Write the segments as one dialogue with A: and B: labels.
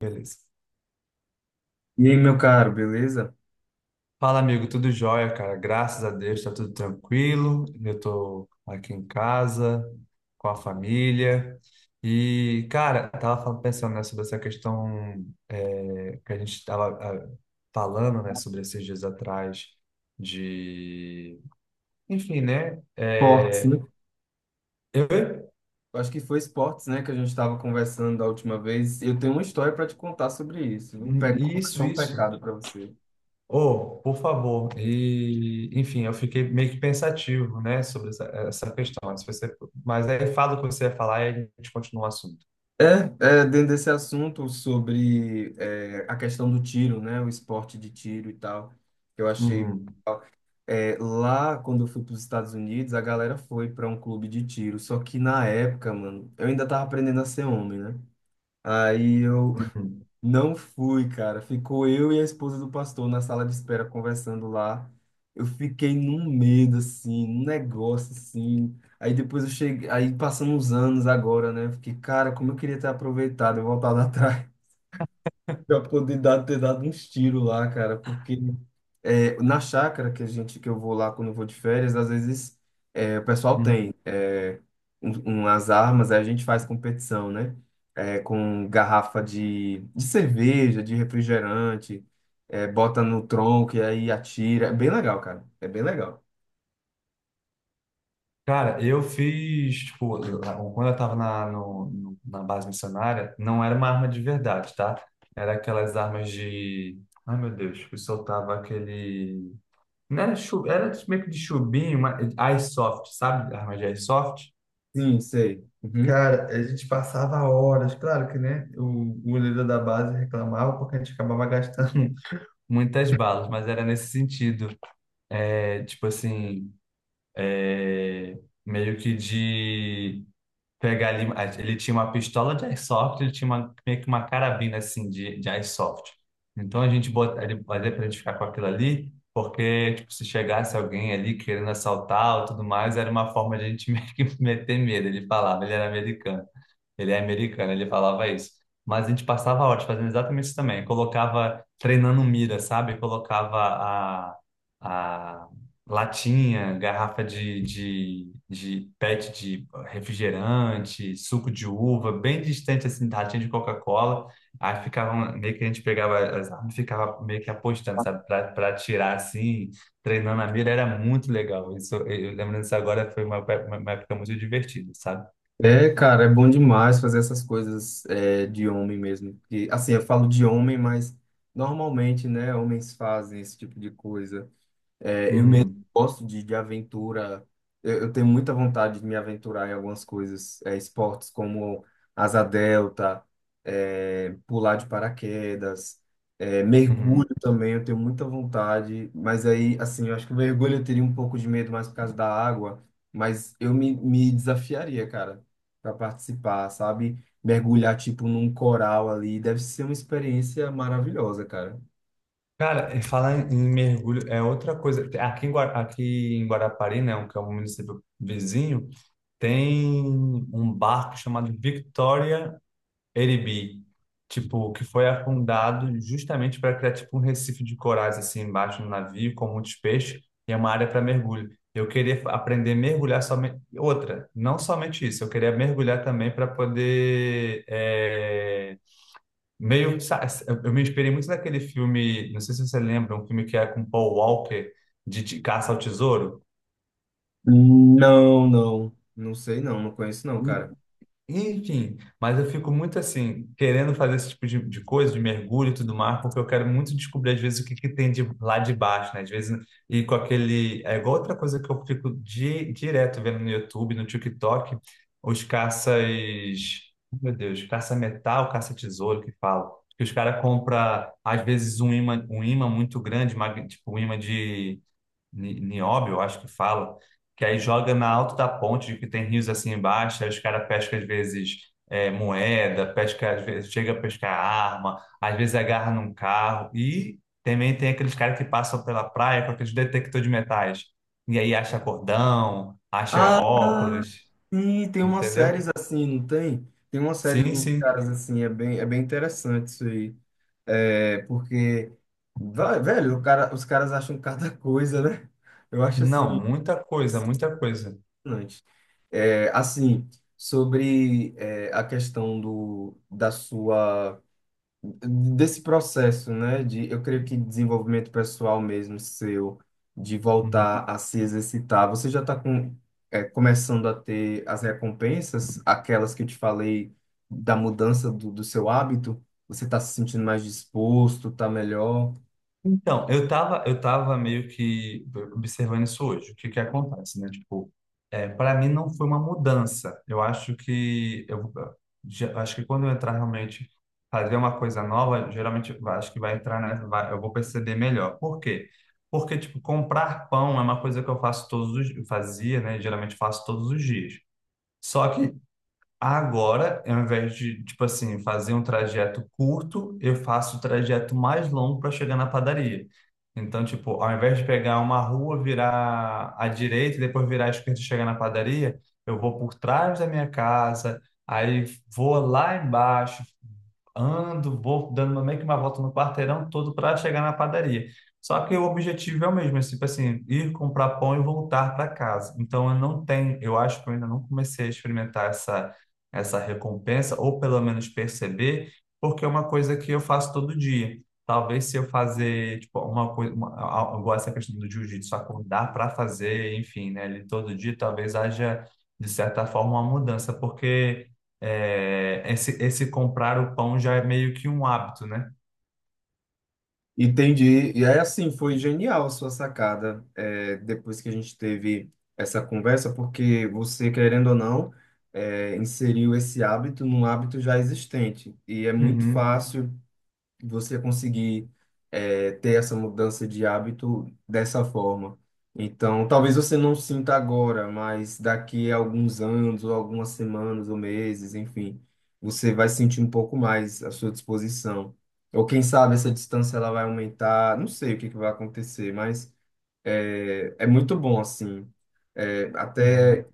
A: Beleza.
B: E aí, meu caro, beleza?
A: Fala, amigo, tudo jóia, cara? Graças a Deus, tá tudo tranquilo. Eu tô aqui em casa, com a família. E, cara, pensando, né, sobre essa questão, que a gente tava falando, né, sobre esses dias atrás de... Enfim, né?
B: Esportes, né?
A: Eu-
B: Acho que foi esportes, né, que a gente estava conversando da última vez. Eu tenho uma história para te contar sobre isso. Um pe...
A: Isso,
B: Confessar um
A: isso.
B: pecado para você.
A: Oh, por favor. E, enfim, eu fiquei meio que pensativo, né, sobre essa questão. Se você, mas aí fala o que você ia falar e a gente continua o assunto.
B: É, dentro desse assunto sobre a questão do tiro, né, o esporte de tiro e tal, que eu achei.
A: Uhum,
B: Lá, quando eu fui para os Estados Unidos, a galera foi para um clube de tiro. Só que na época, mano, eu ainda tava aprendendo a ser homem, né? Aí eu.
A: uhum,
B: Não fui, cara. Ficou eu e a esposa do pastor na sala de espera conversando lá. Eu fiquei num medo, assim, num negócio, assim. Aí depois eu cheguei, aí passando uns anos agora, né? Eu fiquei, cara, como eu queria ter aproveitado, eu voltado atrás. Pra poder dar, ter dado uns tiros lá, cara, porque na chácara que a gente que eu vou lá quando eu vou de férias, às vezes o pessoal
A: uhum.
B: tem umas armas, aí a gente faz competição, né? É, com garrafa de cerveja, de refrigerante, bota no tronco e aí atira. É bem legal, cara. É bem legal.
A: Cara, eu fiz, tipo, quando eu tava na, no- no- na base missionária, não era uma arma de verdade, tá? Era aquelas armas de... Ai, meu Deus, que soltava aquele... Não era, chu... era meio que de chubinho, uma Airsoft, sabe? Arma de airsoft.
B: Sim, sei. Uhum.
A: Cara, a gente passava horas, claro que, né? O goleiro da base reclamava porque a gente acabava gastando muitas balas, mas era nesse sentido. É, tipo assim, é, meio que de pegar ali. Ele tinha uma pistola de airsoft, ele tinha uma, meio que uma carabina assim de airsoft. Então a gente bota, ele fazia pra gente ficar com aquilo ali, porque tipo, se chegasse alguém ali querendo assaltar ou tudo mais, era uma forma de a gente meio que meter medo. Ele falava, ele era americano. Ele é americano, ele falava isso. Mas a gente passava horas fazendo exatamente isso também. Colocava, treinando mira, sabe? Colocava a, a latinha, garrafa de pet de refrigerante, suco de uva, bem distante, assim, da latinha de Coca-Cola. Aí ficava, um, meio que a gente pegava as armas e ficava meio que apostando, sabe? Pra atirar, assim, treinando a mira, era muito legal. Isso, eu lembrando disso agora, foi uma época muito divertida, sabe?
B: É, cara, é bom demais fazer essas coisas de homem mesmo. E assim, eu falo de homem, mas normalmente, né, homens fazem esse tipo de coisa. É, eu mesmo
A: Uhum,
B: gosto de aventura. Eu tenho muita vontade de me aventurar em algumas coisas, é, esportes como asa delta, pular de paraquedas, mergulho
A: uhum.
B: também. Eu tenho muita vontade, mas aí, assim, eu acho que o mergulho eu teria um pouco de medo mais por causa da água, mas eu me desafiaria, cara, para participar, sabe? Mergulhar, tipo, num coral ali, deve ser uma experiência maravilhosa, cara.
A: Cara, e falar em mergulho é outra coisa. Aqui em, aqui em Guarapari, né, o que é um município vizinho, tem um barco chamado Victoria Eribi, tipo, que foi afundado justamente para criar tipo um recife de corais assim embaixo no navio com muitos peixes e é uma área para mergulho. Eu queria aprender a mergulhar somente outra, não somente isso. Eu queria mergulhar também para poder Meio, sa- eu me inspirei muito naquele filme, não sei se você lembra, um filme que é com Paul Walker, de Caça ao Tesouro.
B: Não, não. Não sei não, não conheço não, cara.
A: Enfim, mas eu fico muito assim, querendo fazer esse tipo de coisa, de mergulho e tudo mais, porque eu quero muito descobrir, às vezes, que tem de lá de baixo, né? Às vezes, e com aquele. É igual outra coisa que eu fico direto vendo no YouTube, no TikTok, os caças. Meu Deus, caça-metal, caça-tesouro que fala. Que os caras compram, às vezes, um imã muito grande, tipo um imã de Nióbio, eu acho que fala, que aí joga na alta da ponte, que tem rios assim embaixo, aí os caras pescam às vezes moeda, pesca, às vezes chega a pescar arma, às vezes agarra num carro, e também tem aqueles caras que passam pela praia com aqueles detector de metais, e aí acha cordão, acha
B: Ah,
A: óculos,
B: sim, tem umas
A: entendeu?
B: séries assim, não tem? Tem uma série
A: Sim,
B: de uns
A: sim.
B: caras assim, é bem interessante isso aí. É, porque, velho, o cara, os caras acham cada coisa, né? Eu acho
A: Não,
B: assim,
A: muita coisa, muita coisa.
B: impressionante. É, assim, sobre a questão do, da sua. Desse processo, né, de eu creio que desenvolvimento pessoal mesmo seu, de
A: Uhum.
B: voltar a se exercitar. Você já está com, é, começando a ter as recompensas, aquelas que eu te falei da mudança do, do seu hábito? Você está se sentindo mais disposto, está melhor?
A: Então, eu tava meio que observando isso hoje. O que que acontece, né? Tipo, é, para mim não foi uma mudança. Eu acho que acho que quando eu entrar realmente fazer uma coisa nova, geralmente eu acho que vai entrar, né? Eu vou perceber melhor. Por quê? Porque tipo, comprar pão é uma coisa que eu faço todos os, eu fazia, né? Geralmente faço todos os dias. Só que Agora, ao invés de, tipo assim, fazer um trajeto curto, eu faço o trajeto mais longo para chegar na padaria. Então, tipo, ao invés de pegar uma rua, virar à direita, e depois virar à esquerda e chegar na padaria, eu vou por trás da minha casa, aí vou lá embaixo, ando, meio que uma volta no quarteirão todo para chegar na padaria. Só que o objetivo é o mesmo, é tipo assim, ir comprar pão e voltar para casa. Então eu não tenho, eu acho que eu ainda não comecei a experimentar essa recompensa ou pelo menos perceber, porque é uma coisa que eu faço todo dia. Talvez se eu fazer, tipo, uma coisa, uma, a- igual essa questão do jiu-jitsu, acordar para fazer, enfim, né, ele todo dia, talvez haja de certa forma uma mudança, porque esse comprar o pão já é meio que um hábito, né?
B: Entendi. E aí, assim, foi genial a sua sacada, é, depois que a gente teve essa conversa, porque você, querendo ou não, inseriu esse hábito num hábito já existente. E é muito, uhum,
A: Uhum.
B: fácil você conseguir ter essa mudança de hábito dessa forma. Então, talvez você não sinta agora, mas daqui a alguns anos, ou algumas semanas, ou meses, enfim, você vai sentir um pouco mais à sua disposição. Ou quem sabe essa distância ela vai aumentar, não sei o que que vai acontecer, mas é muito bom, assim. É,
A: Uhum.
B: até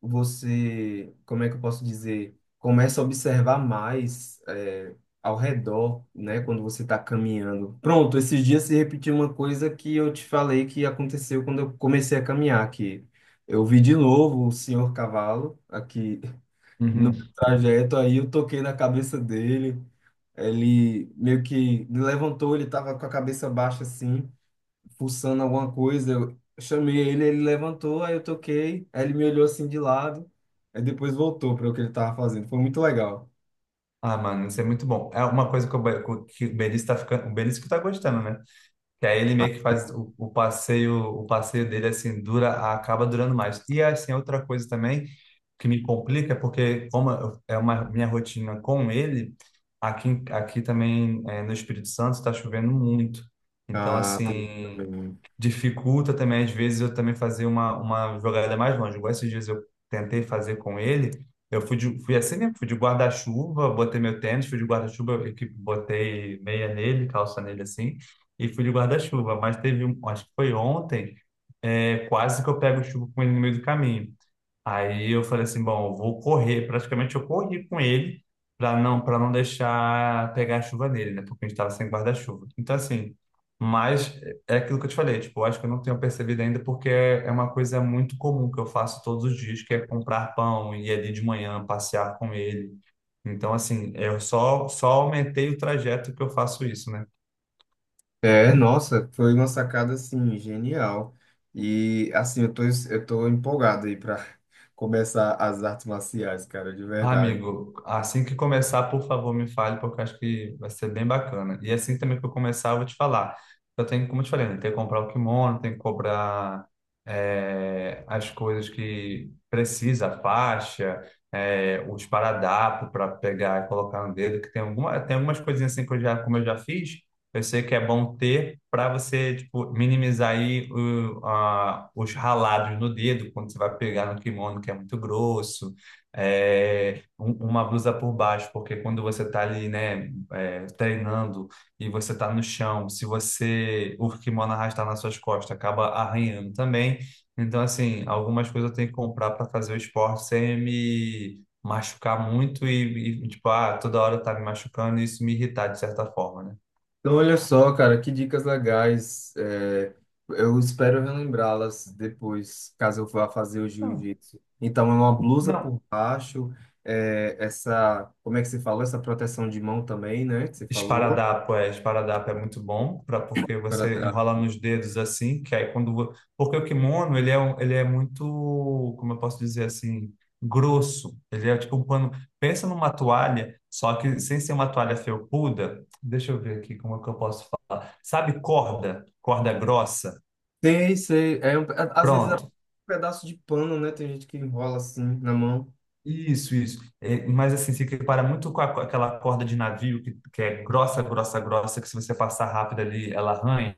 B: você, como é que eu posso dizer? Começa a observar mais, é, ao redor, né? Quando você está caminhando. Pronto, esses dias se repetiu uma coisa que eu te falei que aconteceu quando eu comecei a caminhar aqui. Eu vi de novo o senhor cavalo aqui no
A: Uhum.
B: meu trajeto, aí eu toquei na cabeça dele. Ele meio que me levantou, ele estava com a cabeça baixa assim fuçando alguma coisa. Eu chamei ele, ele levantou, aí eu toquei, aí ele me olhou assim de lado, aí depois voltou para o que ele estava fazendo. Foi muito legal.
A: Ah, mano, isso é muito bom. É uma coisa que que o Benício tá ficando, o Benício que tá gostando, né? Que aí ele meio que faz o passeio dele assim dura, acaba durando mais. E assim, outra coisa também que me complica é porque é uma minha rotina com ele, aqui também no Espírito Santo está chovendo muito. Então
B: Ah, tem isso
A: assim,
B: também.
A: dificulta também às vezes eu também fazer uma jogada mais longe. Igual esses dias eu tentei fazer com ele, fui assim mesmo, fui de guarda-chuva, botei meu tênis, fui de guarda-chuva, eu que botei meia nele, calça nele assim. E fui de guarda-chuva, mas teve, acho que foi ontem, quase que eu pego chuva com ele no meio do caminho. Aí eu falei assim, bom, eu vou correr, praticamente eu corri com ele para não deixar pegar a chuva nele, né? Porque a gente estava sem guarda-chuva. Então assim, mas é aquilo que eu te falei, tipo, eu acho que eu não tenho percebido ainda porque é uma coisa muito comum que eu faço todos os dias, que é comprar pão e ir ali de manhã passear com ele. Então assim, eu só aumentei o trajeto que eu faço isso, né?
B: É, nossa, foi uma sacada assim genial. E assim, eu tô empolgado aí para começar as artes marciais, cara, de
A: Ah,
B: verdade.
A: amigo, assim que começar, por favor, me fale, porque eu acho que vai ser bem bacana. E assim também que eu começar, eu vou te falar. Eu tenho, como eu te falei, né, tem que comprar o kimono, tem que comprar as coisas que precisa, a faixa, os paradapos para pegar e colocar no dedo, que tem alguma, tem algumas coisinhas assim que eu já, como eu já fiz, eu sei que é bom ter para você, tipo, minimizar aí os ralados no dedo, quando você vai pegar no kimono, que é muito grosso uma blusa por baixo, porque quando você está ali, né, é, treinando e você está no chão, se você o kimono arrastar nas suas costas, acaba arranhando também. Então, assim, algumas coisas eu tenho que comprar para fazer o esporte sem me machucar muito tipo, ah, toda hora tá me machucando e isso me irritar de certa forma, né?
B: Então, olha só, cara, que dicas legais. É, eu espero relembrá-las depois, caso eu vá fazer o
A: Então,
B: jiu-jitsu. Então, é uma blusa
A: Não,
B: por baixo, é, essa, como é que se falou? Essa proteção de mão também, né? Que você falou,
A: Esparadapo, esparadapo é muito bom para porque
B: para
A: você
B: trás.
A: enrola nos dedos assim, que aí quando porque o kimono, ele ele é muito, como eu posso dizer assim, grosso. Ele é tipo um pano, pensa numa toalha, só que sem ser uma toalha felpuda. Deixa eu ver aqui como é que eu posso falar. Sabe corda, corda grossa?
B: Tem, sei, às vezes é um
A: Pronto.
B: pedaço de pano, né? Tem gente que enrola assim na mão.
A: Isso, isso. É, mas assim, se equipara muito com aquela corda de navio que é grossa, grossa, grossa, que se você passar rápido ali, ela arranha.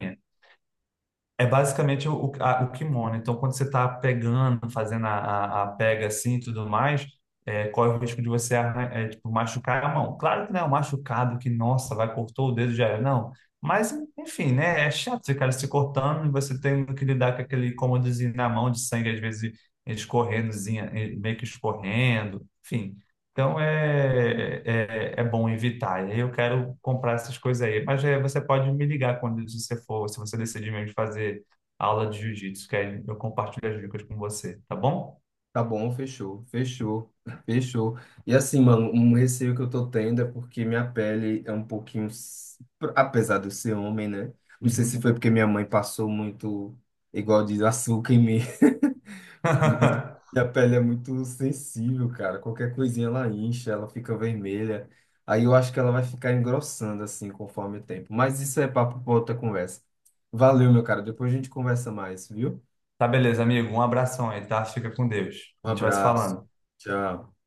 A: É basicamente o kimono. Então, quando você está pegando, fazendo a pega assim e tudo mais, corre o risco de você tipo, machucar a mão. Claro que não é um machucado que, nossa, vai cortou o dedo já era. Não. Mas, enfim, né? É chato ficar se cortando e você tendo que lidar com aquele incômodozinho na mão de sangue, às vezes escorrendozinha, meio que escorrendo. Enfim. Então é bom evitar. E aí eu quero comprar essas coisas aí. Mas é, você pode me ligar quando você for, se você decidir mesmo fazer aula de jiu-jitsu, que aí eu compartilho as dicas com você, tá bom?
B: Tá bom, fechou, fechou, fechou. E assim, mano, um receio que eu tô tendo é porque minha pele é um pouquinho, s- apesar de eu ser homem, né? Não sei
A: Uhum.
B: se foi porque minha mãe passou muito, igual diz, açúcar em mim. Minha pele é muito sensível, cara. Qualquer coisinha ela incha, ela fica vermelha. Aí eu acho que ela vai ficar engrossando assim conforme o tempo. Mas isso é papo pra outra conversa. Valeu, meu cara. Depois a gente conversa mais, viu?
A: Tá beleza, amigo. Um abração aí, tá? Fica com Deus.
B: Um
A: A gente vai se
B: abraço.
A: falando.
B: Tchau.